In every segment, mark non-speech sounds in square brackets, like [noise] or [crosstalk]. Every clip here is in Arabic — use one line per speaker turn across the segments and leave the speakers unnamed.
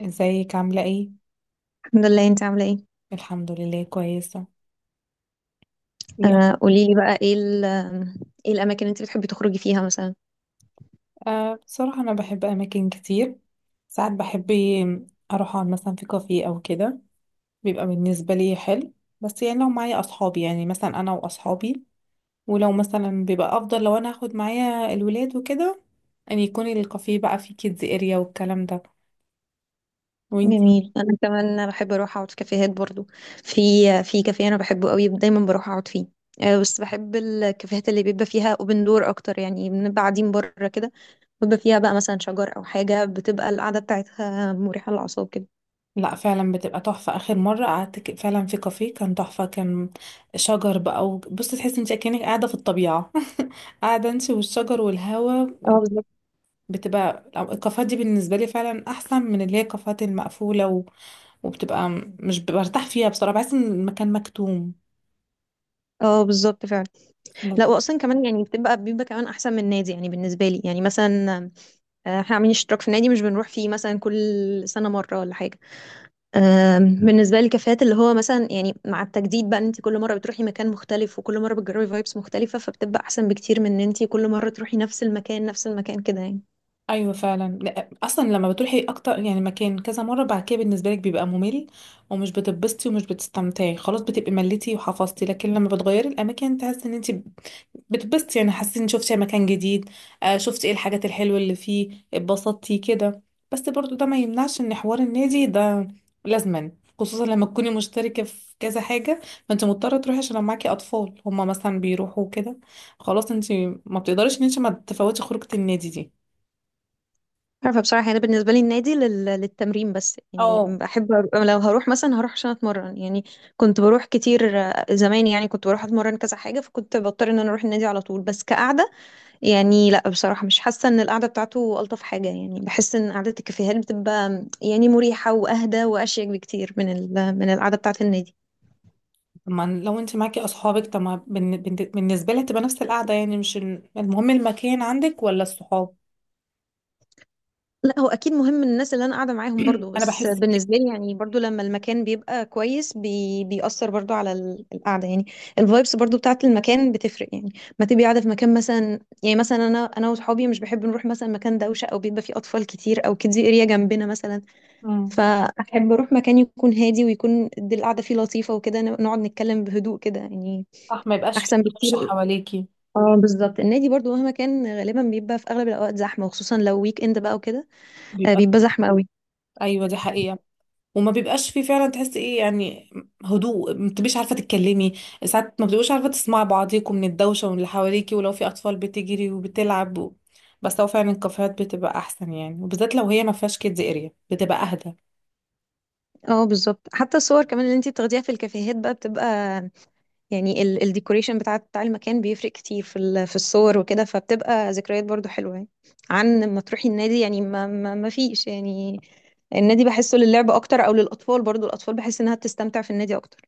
ازيك عاملة ايه؟
الحمد لله. انت عامله ايه؟
الحمد لله كويسة. يا-
قولي لي بقى ايه ايه الاماكن اللي انت بتحبي تخرجي فيها مثلا؟
أه بصراحة أنا بحب أماكن كتير. ساعات بحب أروح أقعد مثلا في كافيه أو كده، بيبقى بالنسبة لي حلو. بس يعني لو معايا أصحابي، يعني مثلا أنا وأصحابي، ولو مثلا بيبقى أفضل لو أنا هاخد معايا الولاد وكده، أن يكون الكافيه بقى فيه كيدز اريا والكلام ده. وانتي؟
جميل، انا كمان بحب اروح اقعد في كافيهات برضو. في في كافيه انا بحبه قوي دايما بروح اقعد فيه. بس بحب الكافيهات اللي بيبقى فيها اوبن دور اكتر، يعني بنبقى قاعدين بره كده، بيبقى فيها بقى مثلا شجر او حاجه، بتبقى القعده بتاعتها مريحه للاعصاب كده.
لا فعلا بتبقى تحفة. آخر مرة قعدت فعلا في كافيه كان تحفة، كان شجر بقى. وبصي تحسي انت كأنك قاعدة في الطبيعة، قاعدة امشي والشجر والهوا.
اه، بالظبط.
بتبقى الكافيهات دي بالنسبة لي فعلا أحسن من اللي هي الكافيهات المقفولة، و... وبتبقى مش برتاح فيها بصراحة، بحس إن المكان مكتوم.
اه، بالظبط فعلا.
لو...
لا، واصلا كمان يعني بتبقى كمان احسن من النادي يعني، بالنسبه لي يعني مثلا، احنا عاملين اشتراك في النادي مش بنروح فيه مثلا كل سنه مره ولا حاجه. بالنسبه لي كفايات اللي هو مثلا يعني مع التجديد بقى ان انت كل مره بتروحي مكان مختلف وكل مره بتجربي فايبس مختلفه، فبتبقى احسن بكتير من ان انت كل مره تروحي نفس المكان نفس المكان كده يعني.
أيوة فعلا. لا، أصلا لما بتروحي أكتر يعني مكان كذا مرة، بعد كده بالنسبة لك بيبقى ممل، ومش بتتبسطي ومش بتستمتعي، خلاص بتبقي مليتي وحفظتي. لكن لما بتغيري الأماكن تحس إن انت بتبسطي، يعني حسيتي ان شفتي مكان جديد، شفتي ايه الحاجات الحلوة اللي فيه، اتبسطتي كده. بس برضو ده ما يمنعش ان حوار النادي ده لازما، خصوصا لما تكوني مشتركة في كذا حاجة، ما انت مضطرة تروحي. عشان لو معاكي اطفال هما مثلا بيروحوا كده، خلاص انت ما بتقدريش ان انت ما تفوتي خروجة النادي دي.
عارفه بصراحه، يعني انا بالنسبه لي النادي للتمرين بس يعني،
اه.
بحب لو هروح مثلا هروح عشان اتمرن يعني. كنت بروح كتير زمان يعني، كنت بروح اتمرن كذا حاجه، فكنت بضطر ان انا اروح النادي على طول. بس كقعده يعني، لا بصراحة مش حاسة ان القعدة بتاعته ألطف حاجة، يعني بحس ان قعدة الكافيهات بتبقى يعني مريحة وأهدى وأشيك بكتير من من القعدة بتاعة النادي.
طب ما لو انت معاكي اصحابك، طب ما بالنسبة لها تبقى نفس القعدة يعني، مش المهم المكان عندك ولا الصحاب؟
لا، هو أكيد مهم الناس اللي أنا قاعدة معاهم برضو،
انا
بس
بحس كده.
بالنسبة لي يعني برضو لما المكان بيبقى كويس بيأثر برضو على القعدة يعني. الفايبس برضو بتاعة المكان بتفرق يعني. ما تبقي قاعدة في مكان مثلا، يعني مثلا، أنا وصحابي مش بحب نروح مثلا مكان دوشة أو بيبقى فيه أطفال كتير أو كيدز اريا جنبنا مثلا.
مم.
فأحب أروح مكان يكون هادي، ويكون دي القعدة فيه لطيفة وكده، نقعد نتكلم بهدوء كده يعني.
صح، ما يبقاش في
أحسن
دوشة
بكتير.
حواليكي.
اه، بالظبط، النادي برضو مهما كان غالبا بيبقى في أغلب الأوقات زحمة، وخصوصا لو ويك إند بقى وكده.
بيبقى
بيبقى زحمة قوي.
ايوه دي حقيقه. وما بيبقاش فيه فعلا، تحس ايه يعني هدوء، ما بتبقيش عارفه تتكلمي، ساعات ما بتبقوش عارفه تسمعي بعضيكم من الدوشه ومن اللي حواليكي، ولو في اطفال بتجري وبتلعب. و... بس هو فعلا الكافيهات بتبقى احسن يعني، وبالذات لو هي ما فيهاش كيدز اريا بتبقى اهدى.
اه بالظبط، حتى الصور كمان اللي انتي بتاخديها في الكافيهات بقى بتبقى، يعني الديكوريشن بتاع المكان بيفرق كتير في في الصور وكده، فبتبقى ذكريات برضو حلوة يعني، عن ما تروحي النادي يعني، ما فيش يعني. النادي بحسه للعب اكتر او للاطفال، برضو الاطفال بحس انها بتستمتع في النادي اكتر.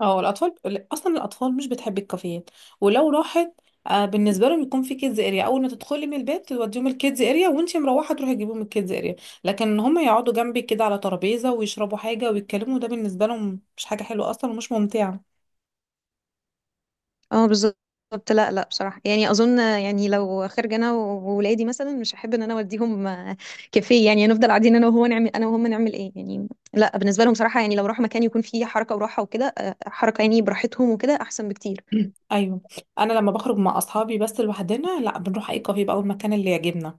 اه الاطفال، اصلا الاطفال مش بتحب الكافيهات، ولو راحت، بالنسبه لهم يكون في كيدز اريا. اول ما تدخلي من البيت توديهم الكيدز اريا، وانتي مروحه تروحي تجيبيهم الكيدز اريا. لكن هم يقعدوا جنبي كده على ترابيزه ويشربوا حاجه ويتكلموا، ده بالنسبه لهم مش حاجه حلوه اصلا ومش ممتعه.
اه بالظبط. لا بصراحة يعني، أظن يعني لو خارجة أنا وولادي مثلا مش هحب إن أنا أوديهم كافيه يعني، نفضل قاعدين أنا وهو نعمل، أنا وهم نعمل إيه يعني؟ لا، بالنسبة لهم صراحة يعني، لو راحوا مكان يكون فيه حركة وراحة وكده، حركة يعني براحتهم وكده أحسن بكتير.
ايوه. انا لما بخرج مع اصحابي بس لوحدنا، لا، بنروح اي كافيه بقى او المكان اللي يعجبنا،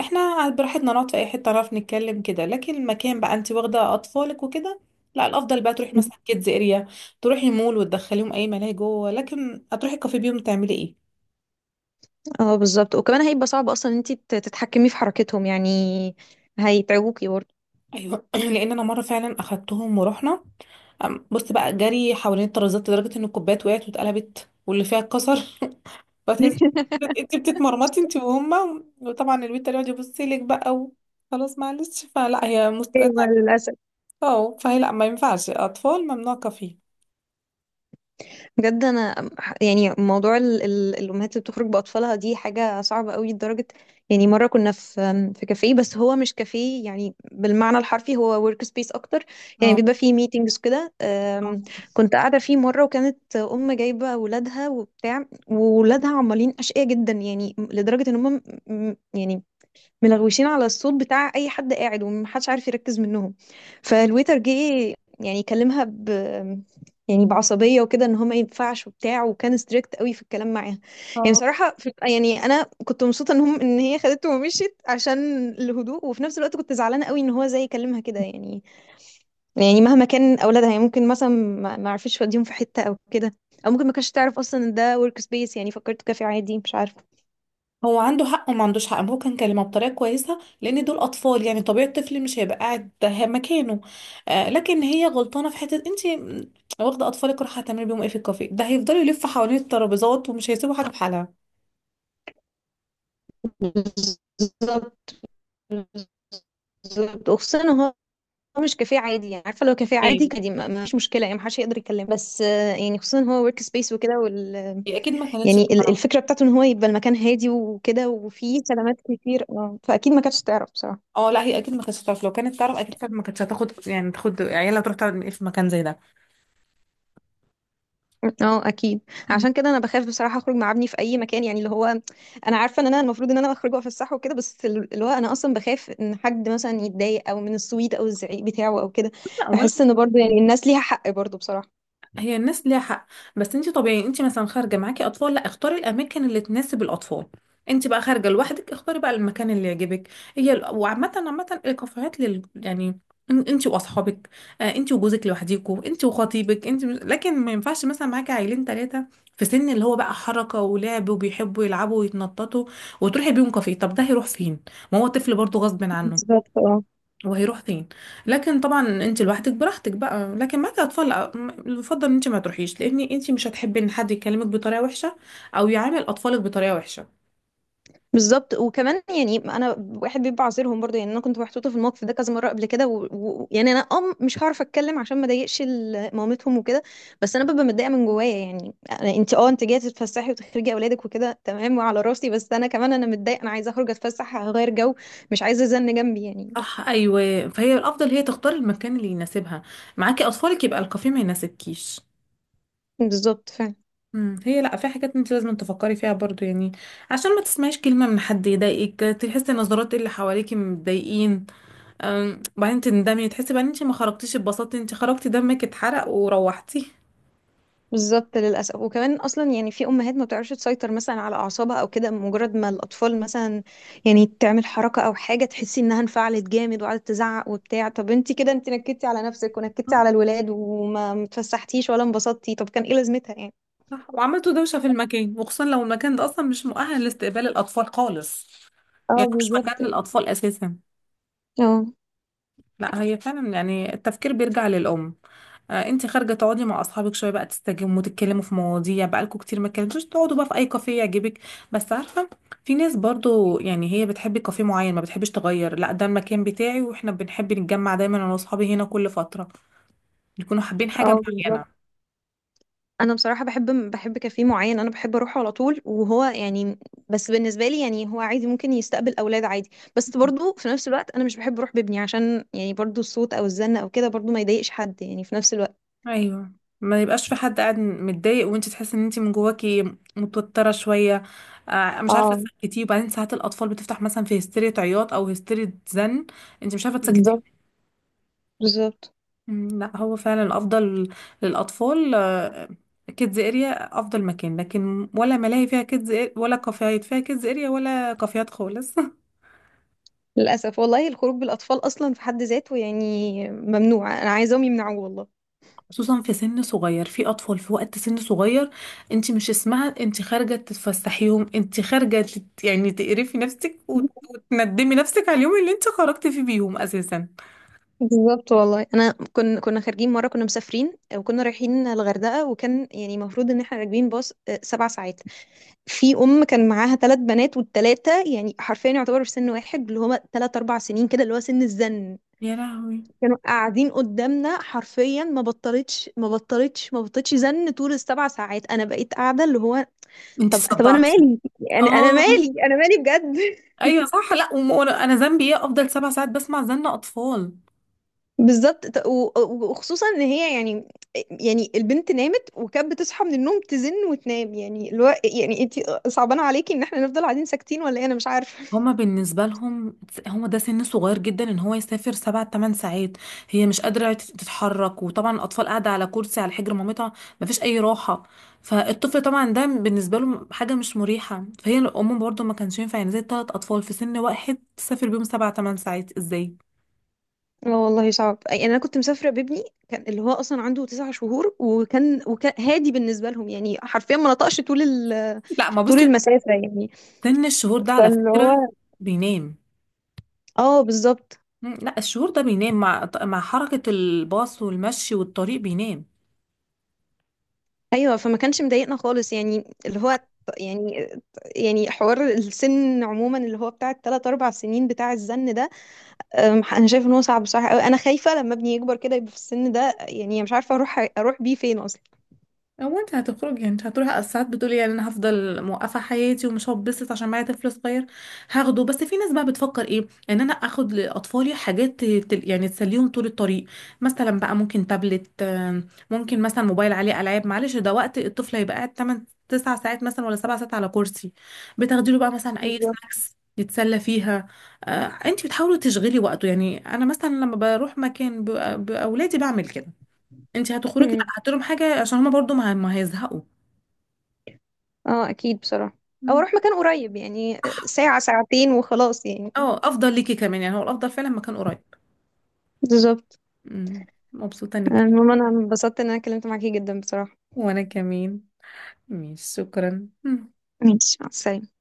احنا براحتنا نقعد في اي حته نعرف نتكلم كده. لكن المكان بقى انت واخده اطفالك وكده، لا الافضل بقى تروحي مثلا كيدز اريا، تروحي مول وتدخليهم اي ملاهي جوه. لكن هتروحي الكافيه بيهم تعملي ايه؟
اه بالظبط، وكمان هيبقى صعب أصلا إن أنت تتحكمي في حركتهم يعني، هيتعبوكي برضه.
ايوه [clears throat] لان انا مره فعلا اخدتهم ورحنا، بص بقى جري حوالين الترابيزات لدرجه ان الكوبايات وقعت واتقلبت واللي فيها اتكسر. فتحس
[laughs]
انت بتتمرمطي انت وهما، وطبعا البنت اللي يقعد يبص لك بقى. و... خلاص معلش، فلا هي مست...
ايوه، للاسف.
اه فهي لا، ما ينفعش اطفال، ممنوع كفيف.
بجد انا يعني موضوع الامهات اللي بتخرج باطفالها دي حاجه صعبه قوي لدرجه، يعني مره كنا في كافيه، بس هو مش كافيه يعني بالمعنى الحرفي، هو ورك سبيس اكتر، يعني
اه.
بيبقى فيه ميتينجز كده.
اه.
كنت قاعده فيه مره، وكانت ام جايبه ولادها وبتاع، وولادها عمالين اشقياء جدا يعني لدرجه ان هم ملغوشين على الصوت بتاع اي حد قاعد ومحدش عارف يركز منهم. فالويتر جه يعني كلمها يعني بعصبيه وكده، ان هو ما ينفعش وبتاع، وكان ستريكت قوي في الكلام معاها. يعني
آه.
بصراحه في يعني انا كنت مبسوطه ان هم ان هي خدته ومشيت عشان الهدوء، وفي نفس الوقت كنت زعلانه قوي ان هو زي كلمها كده يعني. يعني مهما كان اولادها يعني، ممكن مثلا ما عرفش يوديهم في حته او كده، او ممكن ما كانش تعرف اصلا ان ده ورك سبيس يعني، فكرته كافي عادي مش عارفه.
هو عنده حق وما عندوش حق، هو كان كلمه بطريقه كويسه لان دول اطفال، يعني طبيعي الطفل مش هيبقى قاعد مكانه. آه لكن هي غلطانه في حته، انت واخده اطفالك رايحه هتعملي بيهم ايه في الكافيه؟ ده هيفضلوا يلفوا حوالين الترابيزات ومش هيسيبوا حاجه في حالها.
بالظبط. بالضبط، وخصوصًا إن هو مش كافيه عادي، يعني عارفة لو كافيه
ايه.
عادي كان دي ما فيش مشكلة يعني، ما حدش هيقدر يكلمه، بس يعني خصوصًا إن هو work space وكده
هي اكيد ما كانتش.
يعني الفكرة بتاعته إن هو يبقى المكان هادي وكده وفيه خدمات كتير، فأكيد ما كانتش تعرف بصراحة.
اه لا هي اكيد ما كانتش هتعرف. لو كانت تعرف اكيد كانت ما كانتش هتاخد، يعني تاخد عيالها تروح تقعد في مكان زي
أكيد، عشان كده أنا باخاف بصراحة أخرج مع ابني في أي مكان، يعني اللي هو أنا عارفة إن أنا المفروض إن أنا باخرج وأفسحه الصح وكده، بس اللي هو أنا أصلًا باخاف إن حد مثلًا يتضايق أو من الصويت أو الزعيق بتاعه أو كده،
ده.
باحس إن برضه يعني الناس ليها حق برضه بصراحة.
هي الناس ليها حق، بس انت طبيعي انت مثلا خارجه معاكي اطفال، لا اختاري الاماكن اللي تناسب الاطفال. انت بقى خارجه لوحدك اختاري بقى المكان اللي يعجبك. وعامه عامه الكافيهات لل يعني، انت واصحابك، انت وجوزك لوحديكوا، انت وخطيبك انت. لكن ما ينفعش مثلا معاكي عيلين 3 في سن اللي هو بقى حركه ولعب وبيحبوا يلعبوا ويتنططوا، وتروحي بيهم كافيه، طب ده هيروح فين؟ ما هو طفل برضه غصب عنه،
بالضبط، آه.
وهيروح فين؟ لكن طبعا انت لوحدك براحتك بقى، لكن معاكي اطفال لا، يفضل ان انت ما تروحيش لان انت مش هتحبي ان حد يكلمك بطريقه وحشه، او يعامل اطفالك بطريقه وحشه.
بالظبط وكمان يعني انا واحد بيبقى عذرهم برضه، يعني انا كنت محطوطه في الموقف ده كذا مره قبل كده يعني انا ام مش هعرف اتكلم عشان ما اضايقش مامتهم وكده. بس انا ببقى متضايقه من جوايا يعني، انت اه انت جايه تتفسحي وتخرجي اولادك وكده تمام وعلى راسي، بس انا كمان انا متضايقه انا عايزه اخرج اتفسح اغير جو، مش عايزه زن جنبي يعني.
صح ايوه. فهي الافضل هي تختار المكان اللي يناسبها. معاكي اطفالك يبقى الكافيه ما يناسبكيش.
بالظبط.
مم، هي لا، في حاجات انت لازم تفكري فيها برضو يعني، عشان ما تسمعيش كلمه من حد يضايقك، تحسي نظرات اللي حواليكي متضايقين، بعدين تندمي تحسي بقى ان انت ما خرجتيش اتبسطتي، انت خرجتي دمك اتحرق وروحتي.
بالظبط للأسف، وكمان أصلا يعني في أمهات ما بتعرفش تسيطر مثلا على أعصابها أو كده، مجرد ما الأطفال مثلا يعني تعمل حركة أو حاجة تحسي إنها انفعلت جامد وقعدت تزعق وبتاع، طب أنت كده أنت نكدتي على نفسك ونكدتي على الولاد وما متفسحتيش ولا انبسطتي، طب كان إيه لازمتها يعني؟
صح وعملتوا دوشة في المكان، وخصوصا لو المكان ده أصلا مش مؤهل لاستقبال الأطفال خالص، يعني
اه
مش
بالظبط.
مكان للأطفال أساسا.
اه،
لا هي فعلا يعني التفكير بيرجع للأم. آه أنت خارجة تقعدي مع أصحابك شوية بقى، تستجموا تتكلموا في مواضيع بقالكوا كتير ما اتكلمتوش، تقعدوا بقى في أي كافيه يعجبك. بس عارفة، في ناس برضو يعني هي بتحب كافيه معين ما بتحبش تغير، لا ده المكان بتاعي واحنا بنحب نتجمع دايما أنا وأصحابي هنا، كل فترة يكونوا حابين حاجة
اه بالظبط،
معينة.
انا بصراحه بحب كافيه معين، انا بحب اروحه على طول، وهو يعني بس بالنسبه لي يعني هو عادي ممكن يستقبل اولاد عادي، بس برضو في نفس الوقت انا مش بحب اروح بابني عشان يعني برضو الصوت او الزن او كده، برضو ما يضايقش حد يعني في نفس الوقت.
ايوه. ما يبقاش في حد قاعد متضايق، وانت تحسي ان انت من جواكي متوتره شويه، مش عارفه
اه
تسكتيه. وبعدين ساعات الاطفال بتفتح مثلا في هستيريا عياط او هستيريا زن، انت مش عارفه تسكتيهم.
بالظبط. بالظبط،
مم، لا هو فعلا الافضل للاطفال كيدز اريا افضل مكان، لكن ولا ملاهي فيها كيدز، ولا كافيهات فيها كيدز اريا، ولا كافيهات خالص.
للاسف والله الخروج بالاطفال اصلا في حد ذاته يعني ممنوع، انا عايزاهم يمنعوه والله.
خصوصا في سن صغير، في اطفال في وقت سن صغير. انت مش اسمها انت خارجه تتفسحيهم، انت خارجه يعني تقرفي نفسك
[laughs]
وتندمي نفسك على اليوم اللي انت خرجتي فيه بيهم اساسا.
بالظبط والله، انا كنا خارجين مره، كنا مسافرين وكنا رايحين الغردقه، وكان يعني المفروض ان احنا راكبين باص 7 ساعات. في ام كان معاها 3 بنات، والثلاثه يعني حرفيا يعتبروا في سن واحد، اللي هما 3 4 سنين كده، اللي هو سن الزن.
يا لهوي.
كانوا قاعدين قدامنا حرفيا ما بطلتش زن طول السبع ساعات، انا بقيت قاعده اللي هو،
انت
طب انا
صدعتي.
مالي، يعني انا
اه.
مالي، انا مالي. بجد. [laughs]
ايوه صح. لا وانا ذنبي ايه افضل 7 ساعات بسمع زن اطفال؟
بالظبط وخصوصا ان هي يعني، يعني البنت نامت وكانت بتصحى من النوم تزن وتنام، يعني اللي هو يعني انت صعبان عليكي ان احنا نفضل قاعدين ساكتين ولا ايه، انا مش عارفه.
هما بالنسبة لهم، هما ده سن صغير جدا ان هو يسافر 7 8 ساعات. هي مش قادرة تتحرك، وطبعا الاطفال قاعدة على كرسي على حجر مامتها، مفيش اي راحة. فالطفل طبعا ده بالنسبة له حاجة مش مريحة. فهي الام برضو ما كانش ينفع، يعني زي 3 اطفال في سن واحد تسافر بيهم 7 8 ساعات ازاي؟
لا والله صعب، يعني انا كنت مسافره بابني كان اللي هو اصلا عنده 9 شهور، وكان هادي بالنسبه لهم يعني حرفيا ما نطقش طول
لا ما بص،
طول المسافه يعني،
سن الشهور ده على
فاللي
فكرة
هو
بينام.
اه بالظبط.
مم، لا الشهور ده بينام، مع حركة الباص والمشي والطريق بينام.
ايوه، فما كانش مضايقنا خالص يعني اللي هو يعني يعني حوار السن عموما اللي هو بتاع الثلاث اربع سنين بتاع الزن ده. انا شايف ان هو صعب بصراحه قوي، انا خايفه لما ابني يكبر كده يبقى في السن ده، يعني مش عارفه اروح بيه فين اصلا.
هو انت هتخرجي، انت هتروحي ساعات بتقولي يعني انا هفضل موقفه حياتي ومش هتبسط عشان معايا طفل صغير، هاخده. بس في ناس بقى بتفكر ايه، ان انا اخد لاطفالي حاجات يعني تسليهم طول الطريق. مثلا بقى ممكن تابلت، ممكن مثلا موبايل عليه العاب. معلش ده وقت الطفل هيبقى قاعد 8 9 ساعات مثلا ولا 7 ساعات على كرسي. بتاخدي له بقى مثلا اي
بالظبط.
سناكس يتسلى فيها، انت بتحاولي تشغلي وقته يعني. انا مثلا لما بروح مكان باولادي بعمل كده. انت هتخرجي لا هات لهم حاجه عشان هما برضو ما هيزهقوا.
اه اكيد بصراحة. او
مم.
اروح مكان قريب يعني
صح.
ساعة ساعتين وخلاص يعني.
اه افضل ليكي كمان يعني، هو الافضل فعلا مكان قريب.
بالظبط.
مم. مبسوطه انك.
المهم انا انبسطت ان انا اتكلمت معاكي جدا بصراحة.
وانا كمان. ماشي، شكرا. مم.
ماشي، مع السلامة.